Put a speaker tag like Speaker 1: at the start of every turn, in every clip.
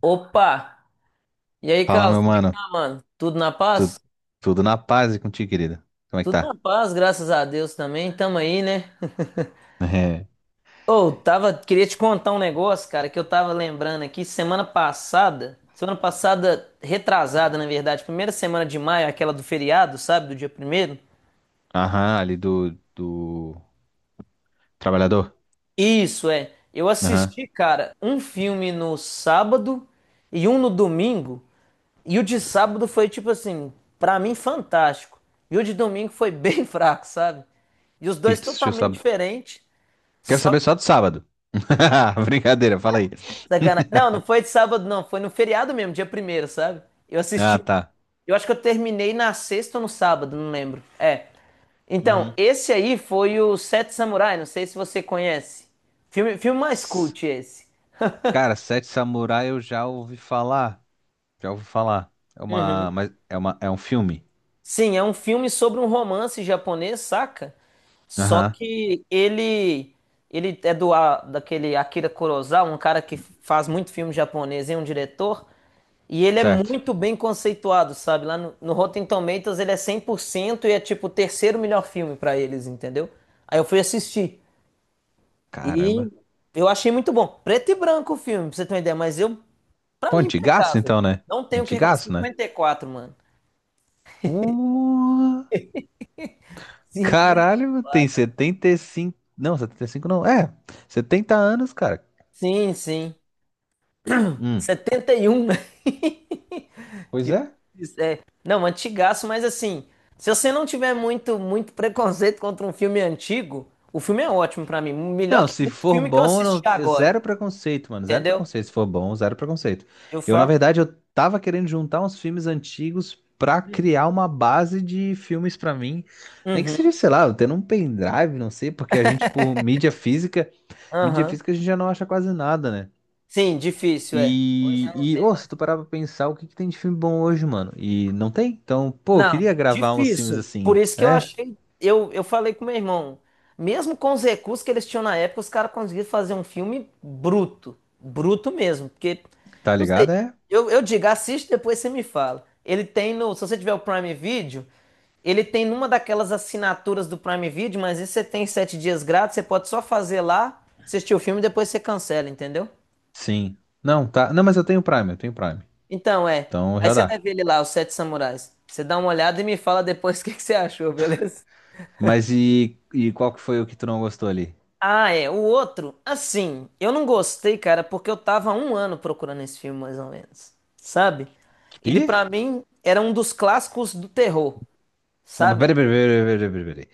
Speaker 1: Opa! E aí,
Speaker 2: Fala,
Speaker 1: Carlos,
Speaker 2: meu
Speaker 1: como é que
Speaker 2: mano.
Speaker 1: tá, mano? Tudo na
Speaker 2: Tu-
Speaker 1: paz?
Speaker 2: Tudo na paz e contigo, querida. Como é que
Speaker 1: Tudo
Speaker 2: tá?
Speaker 1: na paz, graças a Deus também. Tamo aí, né?
Speaker 2: É.
Speaker 1: Ô, queria te contar um negócio, cara, que eu tava lembrando aqui semana passada retrasada, na verdade, primeira semana de maio, aquela do feriado, sabe, do dia primeiro.
Speaker 2: Aham, ali do trabalhador.
Speaker 1: Isso é. Eu
Speaker 2: Aham. O
Speaker 1: assisti, cara, um filme no sábado e um no domingo. E o de sábado foi tipo assim, pra mim fantástico. E o de domingo foi bem fraco, sabe? E os
Speaker 2: que
Speaker 1: dois
Speaker 2: que tu assistiu
Speaker 1: totalmente
Speaker 2: sábado?
Speaker 1: diferentes.
Speaker 2: Quero
Speaker 1: Só
Speaker 2: saber só do sábado. Brincadeira, fala aí.
Speaker 1: sacanagem. Não, não foi de sábado, não. Foi no feriado mesmo, dia primeiro, sabe? Eu assisti.
Speaker 2: Ah, tá.
Speaker 1: Eu acho que eu terminei na sexta ou no sábado, não lembro. É. Então,
Speaker 2: Uhum.
Speaker 1: esse aí foi o Sete Samurai, não sei se você conhece. Filme, filme mais
Speaker 2: S-
Speaker 1: cult esse.
Speaker 2: Cara, Sete Samurai eu já ouvi falar. Já ouvi falar. É uma, mas é uma, é um filme.
Speaker 1: Sim, é um filme sobre um romance japonês, saca? Só
Speaker 2: Aham,
Speaker 1: que ele é daquele Akira Kurosawa, um cara que faz muito filme japonês e é um diretor, e ele é
Speaker 2: certo.
Speaker 1: muito bem conceituado, sabe? Lá no Rotten Tomatoes ele é 100% e é tipo o terceiro melhor filme pra eles, entendeu? Aí eu fui assistir e
Speaker 2: Caramba.
Speaker 1: eu achei muito bom. Preto e branco o filme, pra você ter uma ideia, mas eu pra
Speaker 2: Pô,
Speaker 1: mim é
Speaker 2: antigaço
Speaker 1: impecável.
Speaker 2: então, né?
Speaker 1: Não tenho o que reclamar.
Speaker 2: Antigaço, né?
Speaker 1: 54, mano.
Speaker 2: Uh.
Speaker 1: Cinquenta
Speaker 2: Caralho, tem 75? Não, 75 não. É, 70 anos, cara.
Speaker 1: Sim, sim.
Speaker 2: Hum.
Speaker 1: 71, né?
Speaker 2: Pois é.
Speaker 1: Difícil, é, não, antigaço, mas assim, se você não tiver muito, muito preconceito contra um filme antigo, o filme é ótimo pra mim. Melhor
Speaker 2: Não,
Speaker 1: que
Speaker 2: se
Speaker 1: muito
Speaker 2: for
Speaker 1: filme que eu
Speaker 2: bom,
Speaker 1: assisti
Speaker 2: é
Speaker 1: agora,
Speaker 2: zero preconceito, mano. Zero
Speaker 1: entendeu?
Speaker 2: preconceito. Se for bom, zero preconceito.
Speaker 1: Eu
Speaker 2: Eu, na
Speaker 1: falo.
Speaker 2: verdade, eu tava querendo juntar uns filmes antigos pra criar uma base de filmes pra mim. Nem que seja,
Speaker 1: Uhum,
Speaker 2: sei lá, eu tendo um pendrive, não sei, porque a gente, por mídia
Speaker 1: aham.
Speaker 2: física a gente já não acha quase nada, né?
Speaker 1: Sim, difícil, é. Hoje já
Speaker 2: E,
Speaker 1: não
Speaker 2: e
Speaker 1: tem
Speaker 2: ô,
Speaker 1: mais.
Speaker 2: se tu parar pra pensar, o que que tem de filme bom hoje, mano? E não tem? Então, pô, eu
Speaker 1: Não,
Speaker 2: queria gravar uns filmes
Speaker 1: difícil. Por
Speaker 2: assim.
Speaker 1: isso que eu
Speaker 2: É,
Speaker 1: achei. Eu falei com meu irmão, mesmo com os recursos que eles tinham na época, os caras conseguiram fazer um filme bruto. Bruto mesmo. Porque,
Speaker 2: tá
Speaker 1: não sei,
Speaker 2: ligado? É?
Speaker 1: eu digo, assiste, depois você me fala. Ele tem no. Se você tiver o Prime Video, ele tem numa daquelas assinaturas do Prime Video, mas isso você tem 7 dias grátis, você pode só fazer lá, assistir o filme e depois você cancela, entendeu?
Speaker 2: Sim. Não, tá. Não, mas eu tenho Prime, eu tenho Prime.
Speaker 1: Então, é.
Speaker 2: Então
Speaker 1: Aí
Speaker 2: já
Speaker 1: você vai
Speaker 2: dá.
Speaker 1: ver ele lá, os Sete Samurais. Você dá uma olhada e me fala depois o que que você achou, beleza?
Speaker 2: Mas e qual que foi o que tu não gostou ali?
Speaker 1: Ah, é. O outro, assim, eu não gostei, cara, porque eu tava há um ano procurando esse filme, mais ou menos. Sabe? Ele,
Speaker 2: Que?
Speaker 1: pra mim, era um dos clássicos do terror,
Speaker 2: Não, mas
Speaker 1: sabe?
Speaker 2: peraí, peraí, peraí, peraí, peraí, peraí.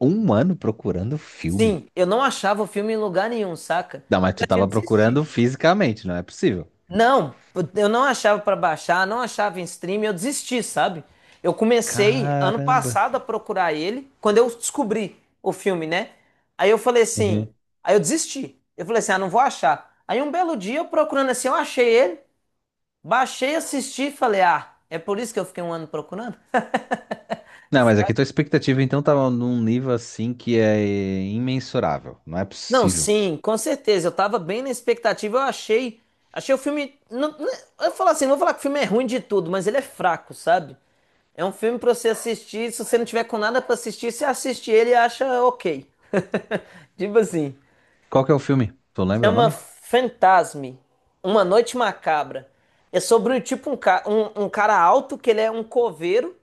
Speaker 2: Um ano procurando filme.
Speaker 1: Sim, eu não achava o filme em lugar nenhum, saca?
Speaker 2: Não, mas
Speaker 1: Já
Speaker 2: tu
Speaker 1: tinha
Speaker 2: tava procurando
Speaker 1: desistido.
Speaker 2: fisicamente, não é possível.
Speaker 1: Não, eu não achava pra baixar, não achava em stream, eu desisti, sabe? Eu comecei ano
Speaker 2: Caramba.
Speaker 1: passado a procurar ele, quando eu descobri o filme, né? Aí eu falei assim,
Speaker 2: Uhum.
Speaker 1: aí eu desisti. Eu falei assim, ah, não vou achar. Aí um belo dia eu procurando assim, eu achei ele, baixei, assisti, e falei, ah, é por isso que eu fiquei um ano procurando?
Speaker 2: Não, mas aqui tua expectativa então tava num nível assim que é imensurável. Não é
Speaker 1: Não,
Speaker 2: possível.
Speaker 1: sim, com certeza. Eu tava bem na expectativa. Eu achei, achei o filme. É, eu falo assim, não vou falar que o filme é ruim de tudo, mas ele é fraco, sabe? É um filme pra você assistir. Se você não tiver com nada pra assistir, você assiste ele e acha ok. Tipo assim.
Speaker 2: Qual que é o filme? Tu lembra o
Speaker 1: Chama
Speaker 2: nome?
Speaker 1: Fantasme, Uma Noite Macabra. É sobre tipo um cara alto que ele é um coveiro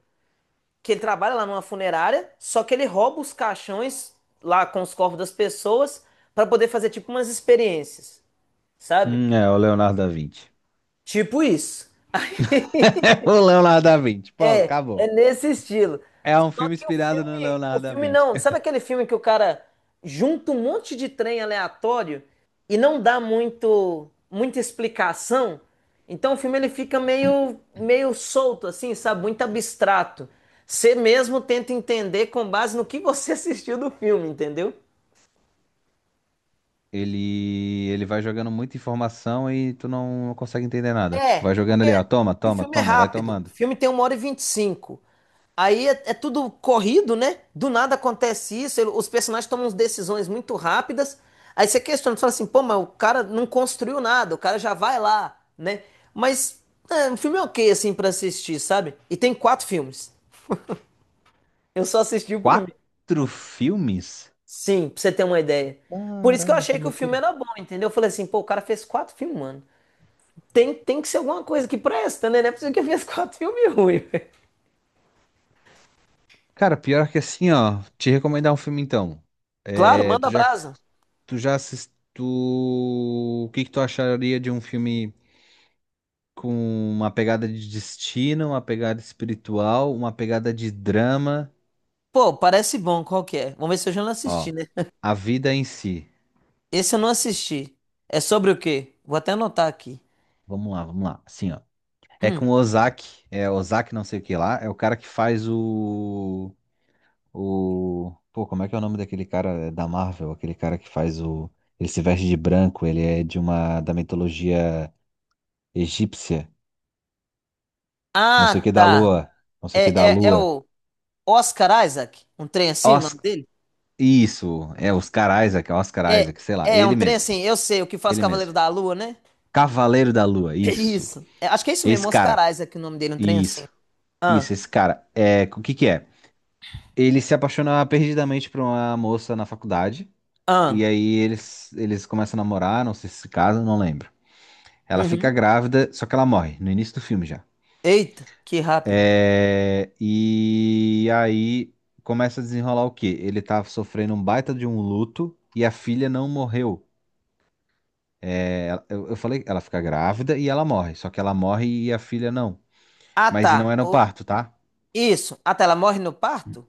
Speaker 1: que ele trabalha lá numa funerária, só que ele rouba os caixões lá com os corpos das pessoas para poder fazer tipo umas experiências, sabe?
Speaker 2: É o Leonardo da Vinci.
Speaker 1: Tipo isso.
Speaker 2: É o Leonardo da Vinci. Pronto,
Speaker 1: É
Speaker 2: acabou.
Speaker 1: nesse estilo.
Speaker 2: É um
Speaker 1: Só
Speaker 2: filme
Speaker 1: que
Speaker 2: inspirado no
Speaker 1: o
Speaker 2: Leonardo da
Speaker 1: filme
Speaker 2: Vinci.
Speaker 1: não, sabe aquele filme que o cara junta um monte de trem aleatório e não dá muito muita explicação? Então o filme ele fica meio solto assim, sabe? Muito abstrato. Você mesmo tenta entender com base no que você assistiu do filme, entendeu?
Speaker 2: Ele vai jogando muita informação e tu não consegue entender nada. Tipo,
Speaker 1: É,
Speaker 2: vai jogando
Speaker 1: porque
Speaker 2: ali, ó, toma,
Speaker 1: o
Speaker 2: toma,
Speaker 1: filme é
Speaker 2: toma, vai
Speaker 1: rápido. O
Speaker 2: tomando.
Speaker 1: filme tem 1h25. Aí é tudo corrido, né? Do nada acontece isso. Os personagens tomam umas decisões muito rápidas. Aí você questiona, você fala assim, pô, mas o cara não construiu nada, o cara já vai lá, né? Mas é, o filme é ok, assim, pra assistir, sabe? E tem quatro filmes. Eu só assisti o primeiro.
Speaker 2: Quatro filmes?
Speaker 1: Sim, pra você ter uma ideia. Por isso que eu
Speaker 2: Caramba, que
Speaker 1: achei que o filme
Speaker 2: loucura.
Speaker 1: era bom, entendeu? Eu falei assim, pô, o cara fez quatro filmes, mano. Tem que ser alguma coisa que presta, né? Não é possível que ele fez quatro filmes ruins.
Speaker 2: Cara, pior que assim, ó, te recomendar um filme então.
Speaker 1: Claro,
Speaker 2: É, tu
Speaker 1: manda
Speaker 2: já,
Speaker 1: brasa.
Speaker 2: tu já assistiu. O que que tu acharia de um filme? Com uma pegada de destino, uma pegada espiritual, uma pegada de drama.
Speaker 1: Pô, parece bom, qual que é? Vamos ver se eu já não assisti,
Speaker 2: Ó,
Speaker 1: né?
Speaker 2: a vida em si.
Speaker 1: Esse eu não assisti. É sobre o quê? Vou até anotar aqui.
Speaker 2: Vamos lá, vamos lá. Assim, ó. É
Speaker 1: Hum.
Speaker 2: com o Ozaki, é Ozaki não sei o que lá, é o cara que faz o. Pô, como é que é o nome daquele cara é, da Marvel? Aquele cara que faz o... Ele se veste de branco, ele é da mitologia egípcia. Não sei o
Speaker 1: Ah,
Speaker 2: que da
Speaker 1: tá.
Speaker 2: lua, não sei o que da
Speaker 1: É
Speaker 2: lua.
Speaker 1: o Oscar Isaac? Um trem assim, o
Speaker 2: Os...
Speaker 1: nome dele?
Speaker 2: Isso, é Oscar Isaac, Oscar
Speaker 1: É,
Speaker 2: Isaac, sei lá,
Speaker 1: é um
Speaker 2: ele
Speaker 1: trem
Speaker 2: mesmo,
Speaker 1: assim, eu sei, o que faz
Speaker 2: ele mesmo.
Speaker 1: Cavaleiro da Lua, né?
Speaker 2: Cavaleiro da Lua,
Speaker 1: É
Speaker 2: isso.
Speaker 1: isso. É, acho que é isso mesmo,
Speaker 2: Esse cara,
Speaker 1: Oscar Isaac, o nome dele, um trem assim.
Speaker 2: isso,
Speaker 1: Ah,
Speaker 2: isso, esse cara. É, o que que é? Ele se apaixona perdidamente por uma moça na faculdade, e
Speaker 1: ah.
Speaker 2: aí eles começam a namorar, não sei se se casam, não lembro. Ela fica
Speaker 1: Uhum.
Speaker 2: grávida, só que ela morre, no início do filme já.
Speaker 1: Eita, que rápido.
Speaker 2: É, e aí começa a desenrolar o quê? Ele tá sofrendo um baita de um luto, e a filha não morreu. É, eu falei, ela fica grávida e ela morre, só que ela morre e a filha não.
Speaker 1: Ah,
Speaker 2: Mas e não
Speaker 1: tá.
Speaker 2: é no parto, tá?
Speaker 1: Isso. Ah, tá, ela morre no parto?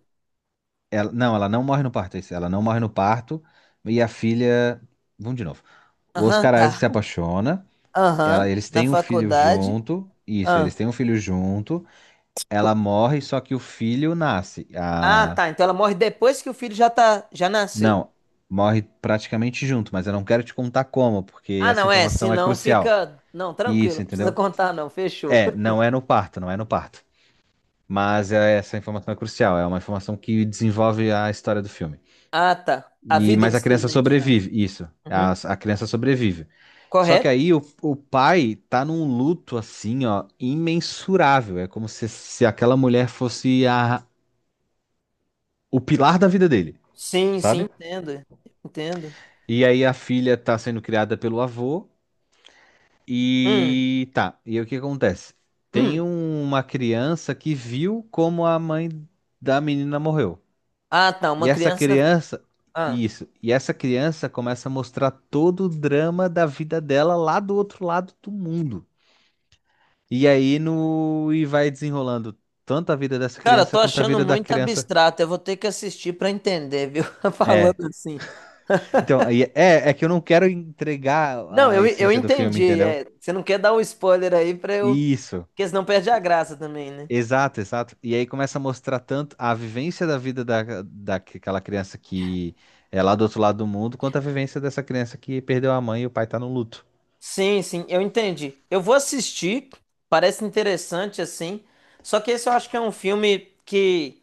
Speaker 2: Ela não morre no parto, é isso. Ela não morre no parto. E a filha. Vamos de novo. O
Speaker 1: Aham,
Speaker 2: Oscar Isaac
Speaker 1: tá.
Speaker 2: se apaixona.
Speaker 1: Aham,
Speaker 2: Ela, eles
Speaker 1: na
Speaker 2: têm um filho
Speaker 1: faculdade.
Speaker 2: junto. Isso,
Speaker 1: Ah.
Speaker 2: eles têm um filho junto. Ela morre, só que o filho nasce.
Speaker 1: Ah,
Speaker 2: A...
Speaker 1: tá. Então ela morre depois que o filho já nasceu.
Speaker 2: Não, morre praticamente junto, mas eu não quero te contar como, porque
Speaker 1: Ah,
Speaker 2: essa
Speaker 1: não é.
Speaker 2: informação é
Speaker 1: Senão
Speaker 2: crucial.
Speaker 1: fica. Não, tranquilo.
Speaker 2: Isso,
Speaker 1: Não precisa
Speaker 2: entendeu?
Speaker 1: contar, não. Fechou.
Speaker 2: É, não é no parto, não é no parto. Mas essa informação é crucial. É uma informação que desenvolve a história do filme.
Speaker 1: Ah, tá. A
Speaker 2: E,
Speaker 1: vida em
Speaker 2: mas a
Speaker 1: si,
Speaker 2: criança
Speaker 1: né, que chama.
Speaker 2: sobrevive, isso.
Speaker 1: Uhum.
Speaker 2: A criança sobrevive. Só que
Speaker 1: Correto?
Speaker 2: aí o pai tá num luto assim, ó, imensurável. É como se aquela mulher fosse o pilar da vida dele,
Speaker 1: Sim, sim,
Speaker 2: sabe?
Speaker 1: entendo. Entendo.
Speaker 2: E aí a filha tá sendo criada pelo avô
Speaker 1: Hum,
Speaker 2: e tá. E aí o que acontece? Tem
Speaker 1: hum.
Speaker 2: uma criança que viu como a mãe da menina morreu.
Speaker 1: Ah, tá.
Speaker 2: E
Speaker 1: Uma
Speaker 2: essa
Speaker 1: criança.
Speaker 2: criança,
Speaker 1: Ah.
Speaker 2: isso, e essa criança começa a mostrar todo o drama da vida dela lá do outro lado do mundo. E aí no e vai desenrolando tanto a vida dessa
Speaker 1: Cara, eu tô
Speaker 2: criança quanto a
Speaker 1: achando
Speaker 2: vida da
Speaker 1: muito
Speaker 2: criança.
Speaker 1: abstrato. Eu vou ter que assistir pra entender, viu?
Speaker 2: É.
Speaker 1: Falando assim.
Speaker 2: Então, é que eu não quero entregar
Speaker 1: Não,
Speaker 2: a
Speaker 1: eu
Speaker 2: essência do filme,
Speaker 1: entendi.
Speaker 2: entendeu?
Speaker 1: É, você não quer dar um spoiler aí pra eu.
Speaker 2: Isso.
Speaker 1: Porque senão perde a graça também, né?
Speaker 2: Exato, exato. E aí começa a mostrar tanto a vivência da vida daquela criança que é lá do outro lado do mundo, quanto a vivência dessa criança que perdeu a mãe e o pai tá no luto.
Speaker 1: Sim, sim, eu entendi. Eu vou assistir, parece interessante assim. Só que esse eu acho que é um filme que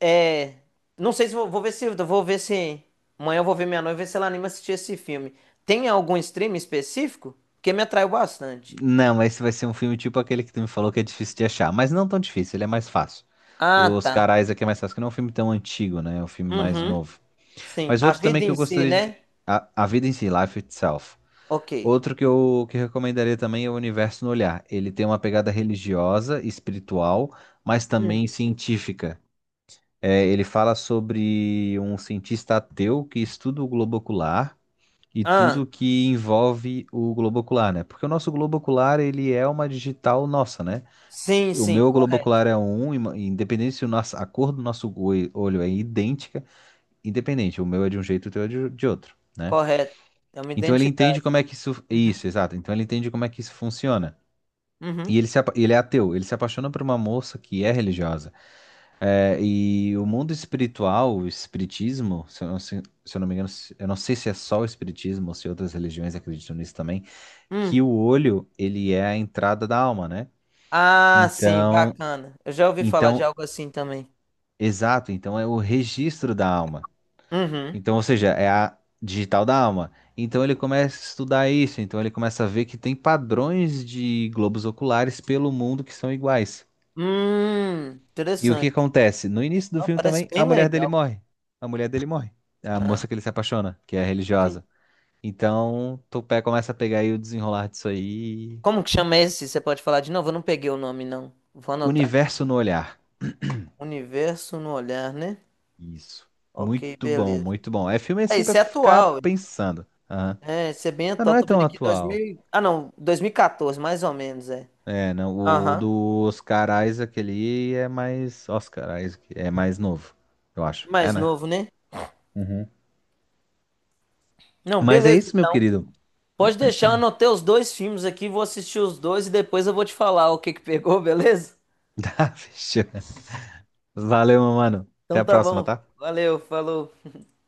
Speaker 1: é, não sei se vou, vou ver se amanhã eu vou ver minha noiva ver se ela anima a assistir esse filme. Tem algum stream específico? Porque me atraiu bastante.
Speaker 2: Não, mas esse vai ser um filme tipo aquele que tu me falou que é difícil de achar. Mas não tão difícil, ele é mais fácil.
Speaker 1: Ah,
Speaker 2: Os
Speaker 1: tá.
Speaker 2: Carais aqui é mais fácil, que não é um filme tão antigo, né? É um filme mais
Speaker 1: Uhum.
Speaker 2: novo.
Speaker 1: Sim,
Speaker 2: Mas
Speaker 1: a
Speaker 2: outro também
Speaker 1: vida
Speaker 2: que
Speaker 1: em
Speaker 2: eu
Speaker 1: si,
Speaker 2: gostaria de.
Speaker 1: né?
Speaker 2: A Vida em Si, Life Itself.
Speaker 1: Ok.
Speaker 2: Outro que eu que recomendaria também é O Universo no Olhar. Ele tem uma pegada religiosa, espiritual, mas
Speaker 1: Hum.
Speaker 2: também científica. É, ele fala sobre um cientista ateu que estuda o globo ocular e
Speaker 1: Ah,
Speaker 2: tudo que envolve o globo ocular, né? Porque o nosso globo ocular, ele é uma digital nossa, né?
Speaker 1: sim,
Speaker 2: O
Speaker 1: sim,
Speaker 2: meu globo
Speaker 1: correto,
Speaker 2: ocular é independente se o nosso, a cor do nosso olho é idêntica, independente, o meu é de um jeito, o teu é de outro, né?
Speaker 1: correto. É uma
Speaker 2: Então ele entende
Speaker 1: identidade.
Speaker 2: como é que isso,
Speaker 1: Uhum.
Speaker 2: isso, exato. Então ele entende como é que isso funciona.
Speaker 1: Uhum.
Speaker 2: E ele, se, apa- ele é ateu, ele se apaixona por uma moça que é religiosa. É, e o mundo espiritual, o espiritismo, se eu não me engano, eu não sei se é só o espiritismo ou se outras religiões acreditam nisso também, que
Speaker 1: Uhum.
Speaker 2: o olho, ele é a entrada da alma, né?
Speaker 1: Ah, sim,
Speaker 2: Então,
Speaker 1: bacana. Eu já ouvi falar de
Speaker 2: então,
Speaker 1: algo assim também.
Speaker 2: exato, então é o registro da alma.
Speaker 1: Uhum.
Speaker 2: Então, ou seja, é a digital da alma. Então ele começa a estudar isso, então ele começa a ver que tem padrões de globos oculares pelo mundo que são iguais. E o que
Speaker 1: Interessante.
Speaker 2: acontece? No início do
Speaker 1: Não,
Speaker 2: filme
Speaker 1: parece
Speaker 2: também,
Speaker 1: bem
Speaker 2: a mulher dele
Speaker 1: legal.
Speaker 2: morre. A mulher dele morre. A
Speaker 1: Ah,
Speaker 2: moça que ele se apaixona, que é
Speaker 1: sim.
Speaker 2: religiosa. Então, Topé começa a pegar aí o desenrolar disso aí.
Speaker 1: Como que chama esse? Você pode falar de novo? Eu não peguei o nome, não. Vou anotar aqui.
Speaker 2: Universo no olhar.
Speaker 1: Universo no olhar, né?
Speaker 2: Isso.
Speaker 1: Ok,
Speaker 2: Muito bom,
Speaker 1: beleza.
Speaker 2: muito bom. É filme
Speaker 1: Ah,
Speaker 2: assim pra
Speaker 1: esse é
Speaker 2: tu ficar
Speaker 1: atual. Hein?
Speaker 2: pensando. Aham.
Speaker 1: É, esse é bem
Speaker 2: Ah, não
Speaker 1: atual.
Speaker 2: é
Speaker 1: Tô vendo
Speaker 2: tão
Speaker 1: aqui 2000,
Speaker 2: atual.
Speaker 1: ah, não, 2014, mais ou menos, é.
Speaker 2: É, não, o
Speaker 1: Aham.
Speaker 2: do Oscar Isaac ali é mais. Oscar Isaac é mais novo, eu acho. É,
Speaker 1: Mais
Speaker 2: né?
Speaker 1: novo, né?
Speaker 2: Uhum.
Speaker 1: Não,
Speaker 2: Mas é
Speaker 1: beleza.
Speaker 2: isso, meu
Speaker 1: Então.
Speaker 2: querido.
Speaker 1: Pode deixar, eu anotei os dois filmes aqui, vou assistir os dois e depois eu vou te falar o que que pegou, beleza?
Speaker 2: Tá, fechou. Valeu, meu mano. Até
Speaker 1: Então
Speaker 2: a
Speaker 1: tá
Speaker 2: próxima,
Speaker 1: bom.
Speaker 2: tá?
Speaker 1: Valeu, falou.